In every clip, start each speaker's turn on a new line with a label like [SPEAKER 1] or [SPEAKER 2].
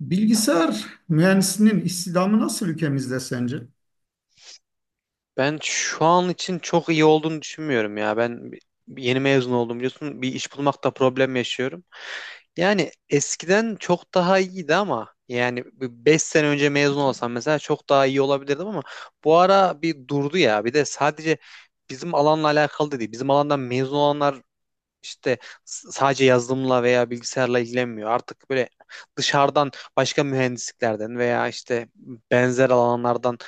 [SPEAKER 1] Bilgisayar mühendisinin istihdamı nasıl ülkemizde sence?
[SPEAKER 2] Ben şu an için çok iyi olduğunu düşünmüyorum ya. Yeni mezun oldum biliyorsun. Bir iş bulmakta problem yaşıyorum. Yani eskiden çok daha iyiydi ama yani 5 sene önce mezun olsam mesela çok daha iyi olabilirdim ama bu ara bir durdu ya. Bir de sadece bizim alanla alakalı da değil. Bizim alandan mezun olanlar işte sadece yazılımla veya bilgisayarla ilgilenmiyor. Artık böyle dışarıdan başka mühendisliklerden veya işte benzer alanlardan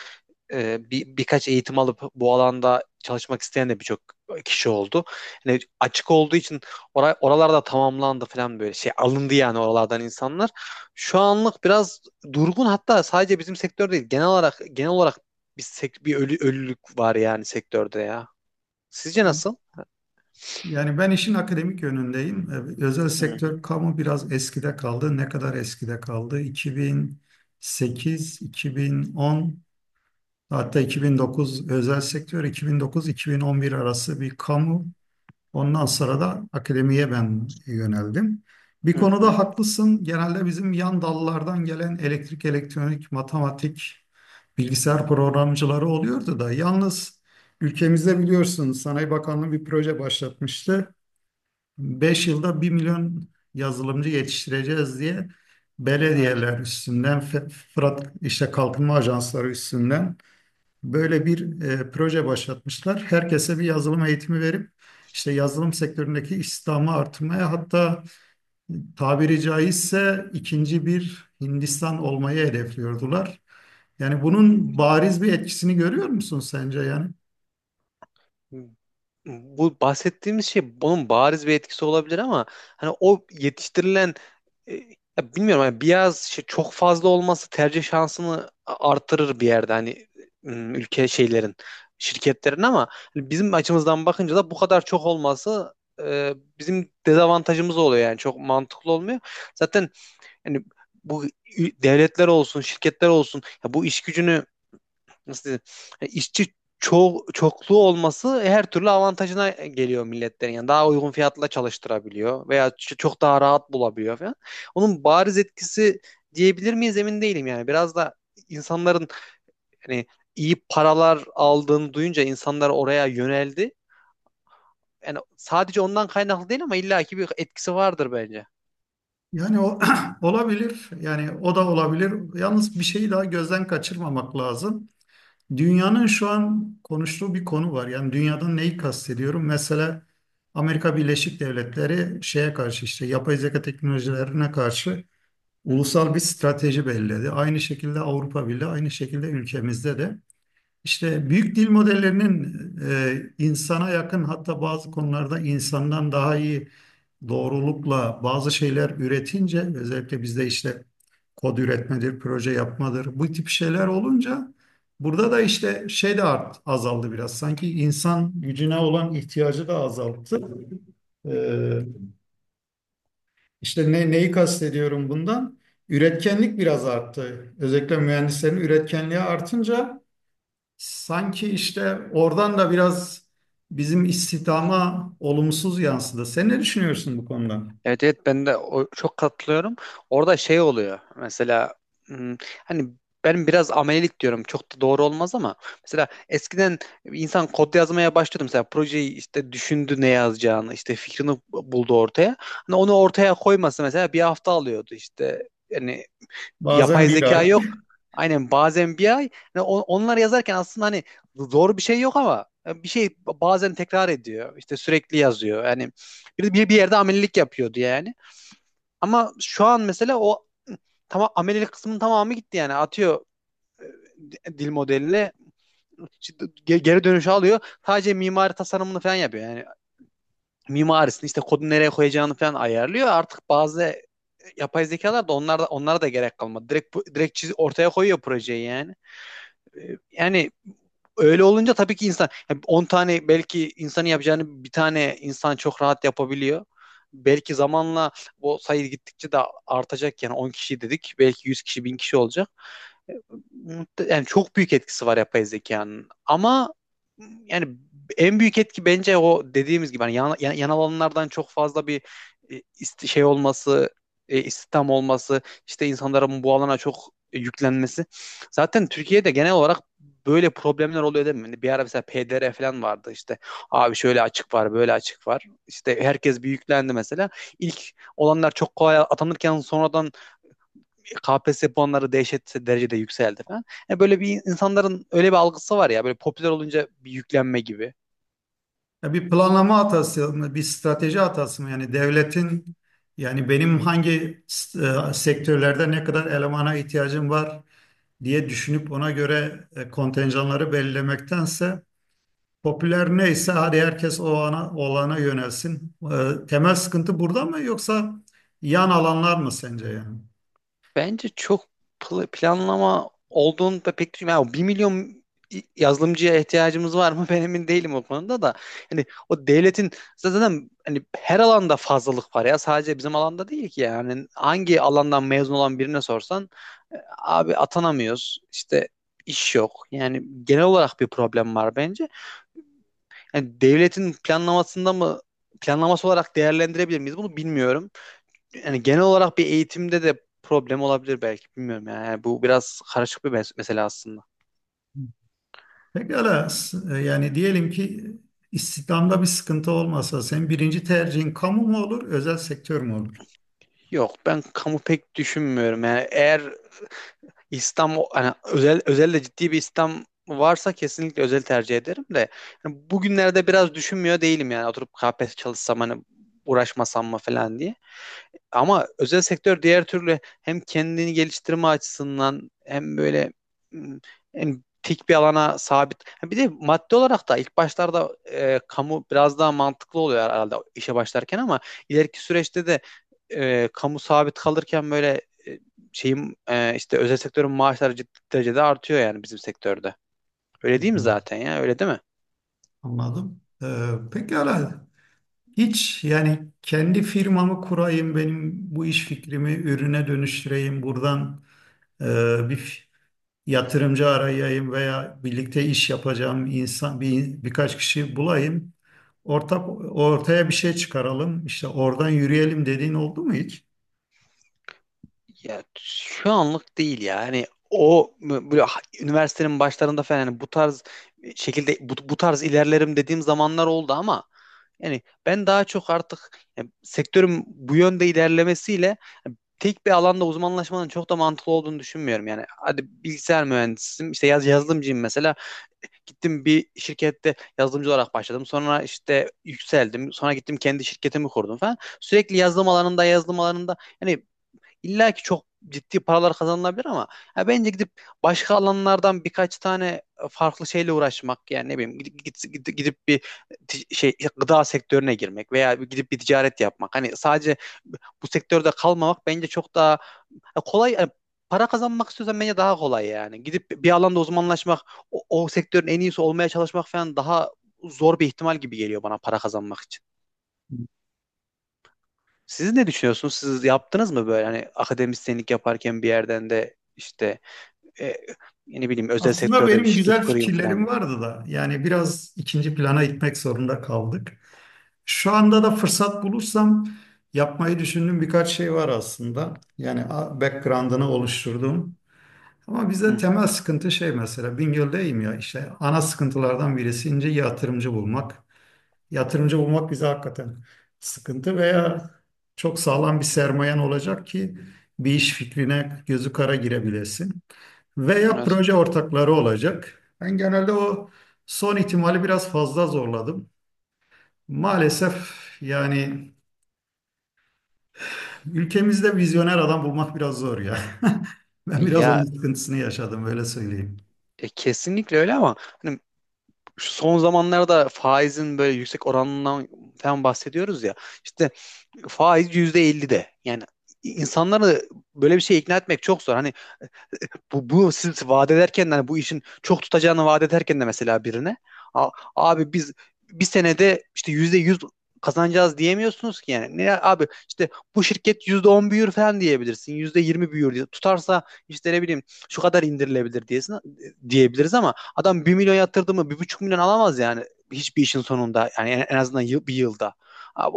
[SPEAKER 2] birkaç eğitim alıp bu alanda çalışmak isteyen de birçok kişi oldu. Yani açık olduğu için oralarda tamamlandı falan böyle şey alındı yani oralardan insanlar. Şu anlık biraz durgun, hatta sadece bizim sektör değil genel olarak bir ölülük var yani sektörde ya. Sizce nasıl?
[SPEAKER 1] Yani ben işin akademik yönündeyim. Özel
[SPEAKER 2] Hı hı,
[SPEAKER 1] sektör kamu biraz eskide kaldı. Ne kadar eskide kaldı? 2008, 2010, hatta 2009 özel sektör, 2009-2011 arası bir kamu. Ondan sonra da akademiye ben yöneldim. Bir
[SPEAKER 2] hı
[SPEAKER 1] konuda
[SPEAKER 2] hı.
[SPEAKER 1] haklısın. Genelde bizim yan dallardan gelen elektrik, elektronik, matematik, bilgisayar programcıları oluyordu da. Yalnız ülkemizde biliyorsunuz Sanayi Bakanlığı bir proje başlatmıştı. 5 yılda bir milyon yazılımcı yetiştireceğiz diye
[SPEAKER 2] Evet.
[SPEAKER 1] belediyeler üstünden, Fırat işte kalkınma ajansları üstünden. Böyle bir proje başlatmışlar. Herkese bir yazılım eğitimi verip işte yazılım sektöründeki istihdamı artırmaya, hatta tabiri caizse ikinci bir Hindistan olmayı hedefliyordular. Yani bunun bariz bir etkisini görüyor musun sence yani?
[SPEAKER 2] Bu bahsettiğimiz şey bunun bariz bir etkisi olabilir ama hani o yetiştirilen, e, ya bilmiyorum, hani biraz şey çok fazla olması tercih şansını artırır bir yerde, hani ülke şeylerin, şirketlerin ama hani bizim açımızdan bakınca da bu kadar çok olması bizim dezavantajımız oluyor, yani çok mantıklı olmuyor. Zaten hani bu devletler olsun, şirketler olsun, ya bu iş gücünü nasıl diyeyim, işçi çokluğu olması her türlü avantajına geliyor milletlerin. Yani daha uygun fiyatla çalıştırabiliyor veya çok daha rahat bulabiliyor falan. Onun bariz etkisi diyebilir miyiz, emin değilim yani. Biraz da insanların hani iyi paralar aldığını duyunca insanlar oraya yöneldi. Yani sadece ondan kaynaklı değil ama illaki bir etkisi vardır bence.
[SPEAKER 1] Yani o olabilir. Yani o da olabilir. Yalnız bir şeyi daha gözden kaçırmamak lazım. Dünyanın şu an konuştuğu bir konu var. Yani dünyadan neyi kastediyorum? Mesela Amerika Birleşik Devletleri şeye karşı, işte yapay zeka teknolojilerine karşı
[SPEAKER 2] Hı.
[SPEAKER 1] ulusal bir strateji belirledi. Aynı şekilde Avrupa Birliği, aynı şekilde ülkemizde de. İşte büyük dil modellerinin insana yakın, hatta bazı konularda insandan daha iyi doğrulukla bazı şeyler üretince, özellikle bizde işte kod üretmedir, proje yapmadır, bu tip şeyler olunca burada da işte azaldı biraz. Sanki insan gücüne olan ihtiyacı da azalttı. Ee, işte neyi kastediyorum bundan? Üretkenlik biraz arttı. Özellikle mühendislerin üretkenliği artınca sanki işte oradan da biraz bizim istihdama olumsuz yansıdı. Sen ne düşünüyorsun bu konuda?
[SPEAKER 2] Evet evet, ben de çok katılıyorum. Orada şey oluyor mesela, hmm, hani ben biraz amelilik diyorum, çok da doğru olmaz ama mesela eskiden insan kod yazmaya başlıyordu, mesela projeyi işte düşündü, ne yazacağını işte fikrini buldu ortaya. Hani onu ortaya koyması mesela bir hafta alıyordu işte, yani
[SPEAKER 1] Bazen
[SPEAKER 2] yapay
[SPEAKER 1] bir
[SPEAKER 2] zeka
[SPEAKER 1] ay.
[SPEAKER 2] yok. Aynen, bazen bir ay. Yani onları yazarken aslında hani zor bir şey yok ama bir şey bazen tekrar ediyor. İşte sürekli yazıyor. Yani bir yerde amelilik yapıyordu yani. Ama şu an mesela o tamam, amelilik kısmının tamamı gitti yani. Atıyor dil modeline, işte geri dönüşü alıyor. Sadece mimari tasarımını falan yapıyor. Yani mimarisini, işte kodu nereye koyacağını falan ayarlıyor. Artık bazı yapay zekalar da, onlar da, onlara da gerek kalmadı. Direkt ortaya koyuyor projeyi yani. e, yani Öyle olunca tabii ki insan, yani 10 tane belki insanın yapacağını bir tane insan çok rahat yapabiliyor. Belki zamanla bu sayı gittikçe de artacak, yani 10 kişi dedik, belki 100 kişi, 1000 kişi olacak. Yani çok büyük etkisi var yapay zekanın. Ama yani en büyük etki bence o dediğimiz gibi, hani yanal alanlardan çok fazla bir şey olması, istihdam olması, işte insanların bu alana çok yüklenmesi. Zaten Türkiye'de genel olarak böyle problemler oluyor, değil mi? Hani bir ara mesela PDR falan vardı işte. Abi şöyle açık var, böyle açık var. İşte herkes bir yüklendi mesela. İlk olanlar çok kolay atanırken sonradan KPSS puanları dehşet derecede yükseldi falan. Yani böyle bir, insanların öyle bir algısı var ya, böyle popüler olunca bir yüklenme gibi.
[SPEAKER 1] Ya bir planlama hatası mı, bir strateji hatası mı? Yani devletin, yani benim hangi sektörlerde ne kadar elemana ihtiyacım var diye düşünüp ona göre kontenjanları belirlemektense popüler neyse hadi herkes olana yönelsin. Temel sıkıntı burada mı yoksa yan alanlar mı sence yani?
[SPEAKER 2] Bence çok planlama olduğunu da pek düşünmüyorum. Yani 1 milyon yazılımcıya ihtiyacımız var mı? Ben emin değilim o konuda da. Hani o devletin, zaten hani her alanda fazlalık var ya. Sadece bizim alanda değil ki yani. Hangi alandan mezun olan birine sorsan, e, abi atanamıyoruz. İşte iş yok. Yani genel olarak bir problem var bence. Yani devletin planlamasında mı, planlaması olarak değerlendirebilir miyiz? Bunu bilmiyorum. Yani genel olarak bir eğitimde de problem olabilir belki. Bilmiyorum yani. Yani bu biraz karışık bir mesele aslında.
[SPEAKER 1] Pekala, yani diyelim ki istihdamda bir sıkıntı olmasa senin birinci tercihin kamu mu olur, özel sektör mü olur?
[SPEAKER 2] Yok, ben kamu pek düşünmüyorum. Yani eğer İslam, hani özelde ciddi bir İslam varsa kesinlikle özel tercih ederim de, yani bugünlerde biraz düşünmüyor değilim yani, oturup KPSS çalışsam, hani uğraşmasam mı falan diye. Ama özel sektör diğer türlü hem kendini geliştirme açısından, hem böyle hmm, hem tek bir alana sabit. Ha, bir de maddi olarak da ilk başlarda kamu biraz daha mantıklı oluyor herhalde işe başlarken, ama ileriki süreçte de kamu sabit kalırken böyle, e, şeyin, işte özel sektörün maaşları ciddi derecede artıyor yani bizim sektörde.
[SPEAKER 1] Hı
[SPEAKER 2] Öyle değil mi
[SPEAKER 1] hı.
[SPEAKER 2] zaten ya? Öyle değil mi?
[SPEAKER 1] Anladım. Pekala. Hiç yani kendi firmamı kurayım, benim bu iş fikrimi ürüne dönüştüreyim, buradan e, bir yatırımcı arayayım veya birlikte iş yapacağım insan birkaç kişi bulayım. Ortak ortaya bir şey çıkaralım, işte oradan yürüyelim dediğin oldu mu hiç?
[SPEAKER 2] Ya şu anlık değil ya. Hani o böyle üniversitenin başlarında falan, hani bu tarz şekilde bu tarz ilerlerim dediğim zamanlar oldu ama yani ben daha çok artık, yani sektörün bu yönde ilerlemesiyle, yani tek bir alanda uzmanlaşmanın çok da mantıklı olduğunu düşünmüyorum. Yani hadi bilgisayar mühendisiyim, işte yazılımcıyım mesela, gittim bir şirkette yazılımcı olarak başladım, sonra işte yükseldim, sonra gittim kendi şirketimi kurdum falan, sürekli yazılım alanında, yazılım alanında, yani İlla ki çok ciddi paralar kazanılabilir ama ya bence gidip başka alanlardan birkaç tane farklı şeyle uğraşmak, yani ne bileyim, gidip bir şey, gıda sektörüne girmek veya bir gidip bir ticaret yapmak. Hani sadece bu sektörde kalmamak bence çok daha, ya kolay yani, para kazanmak istiyorsan bence daha kolay yani. Gidip bir alanda uzmanlaşmak, o sektörün en iyisi olmaya çalışmak falan daha zor bir ihtimal gibi geliyor bana para kazanmak için. Siz ne düşünüyorsunuz? Siz yaptınız mı böyle, hani akademisyenlik yaparken bir yerden de işte e, ne bileyim özel
[SPEAKER 1] Aslında
[SPEAKER 2] sektörde bir
[SPEAKER 1] benim
[SPEAKER 2] şirket
[SPEAKER 1] güzel
[SPEAKER 2] kurayım falan
[SPEAKER 1] fikirlerim
[SPEAKER 2] diye.
[SPEAKER 1] vardı da, yani biraz ikinci plana itmek zorunda kaldık. Şu anda da fırsat bulursam yapmayı düşündüğüm birkaç şey var aslında. Yani background'ını oluşturdum. Ama
[SPEAKER 2] Hı
[SPEAKER 1] bize
[SPEAKER 2] hı.
[SPEAKER 1] temel sıkıntı şey, mesela Bingöl'deyim ya, işte ana sıkıntılardan birisi ince yatırımcı bulmak. Yatırımcı bulmak bize hakikaten sıkıntı, veya çok sağlam bir sermayen olacak ki bir iş fikrine gözü kara girebilesin. Veya
[SPEAKER 2] Evet.
[SPEAKER 1] proje ortakları olacak. Ben genelde o son ihtimali biraz fazla zorladım. Maalesef yani ülkemizde vizyoner adam bulmak biraz zor ya. Ben biraz onun
[SPEAKER 2] Ya
[SPEAKER 1] sıkıntısını yaşadım, öyle söyleyeyim.
[SPEAKER 2] kesinlikle öyle ama hani şu son zamanlarda faizin böyle yüksek oranından falan bahsediyoruz ya. İşte faiz %50 de. Yani insanları böyle bir şey ikna etmek çok zor. Hani bu siz vaat ederken de, hani bu işin çok tutacağını vaat ederken de mesela birine "A- Abi biz bir senede işte %100 kazanacağız" diyemiyorsunuz ki yani. Ne abi, işte bu şirket %10 büyür falan diyebilirsin. %20 büyür diye. Tutarsa işte ne bileyim şu kadar indirilebilir diyebiliriz ama adam 1 milyon yatırdı mı 1,5 milyon alamaz yani hiçbir işin sonunda, yani en azından bir yılda. Abi,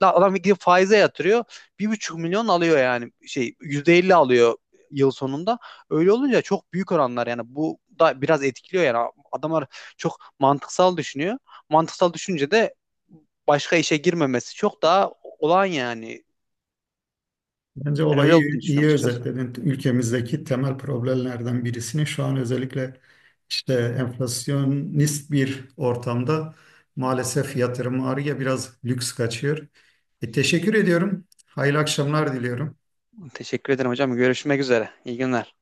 [SPEAKER 2] adam gidip faize yatırıyor. 1,5 milyon alıyor, yani şey, %50 alıyor yıl sonunda. Öyle olunca çok büyük oranlar, yani bu da biraz etkiliyor yani, adamlar çok mantıksal düşünüyor. Mantıksal düşünce de başka işe girmemesi çok daha olağan yani.
[SPEAKER 1] Bence
[SPEAKER 2] Ben öyle
[SPEAKER 1] olayı
[SPEAKER 2] olduğunu düşünüyorum
[SPEAKER 1] iyi
[SPEAKER 2] açıkçası.
[SPEAKER 1] özetledin. Ülkemizdeki temel problemlerden birisini şu an özellikle işte enflasyonist bir ortamda maalesef yatırım ağrıya biraz lüks kaçıyor. Teşekkür ediyorum. Hayırlı akşamlar diliyorum.
[SPEAKER 2] Teşekkür ederim hocam. Görüşmek üzere. İyi günler.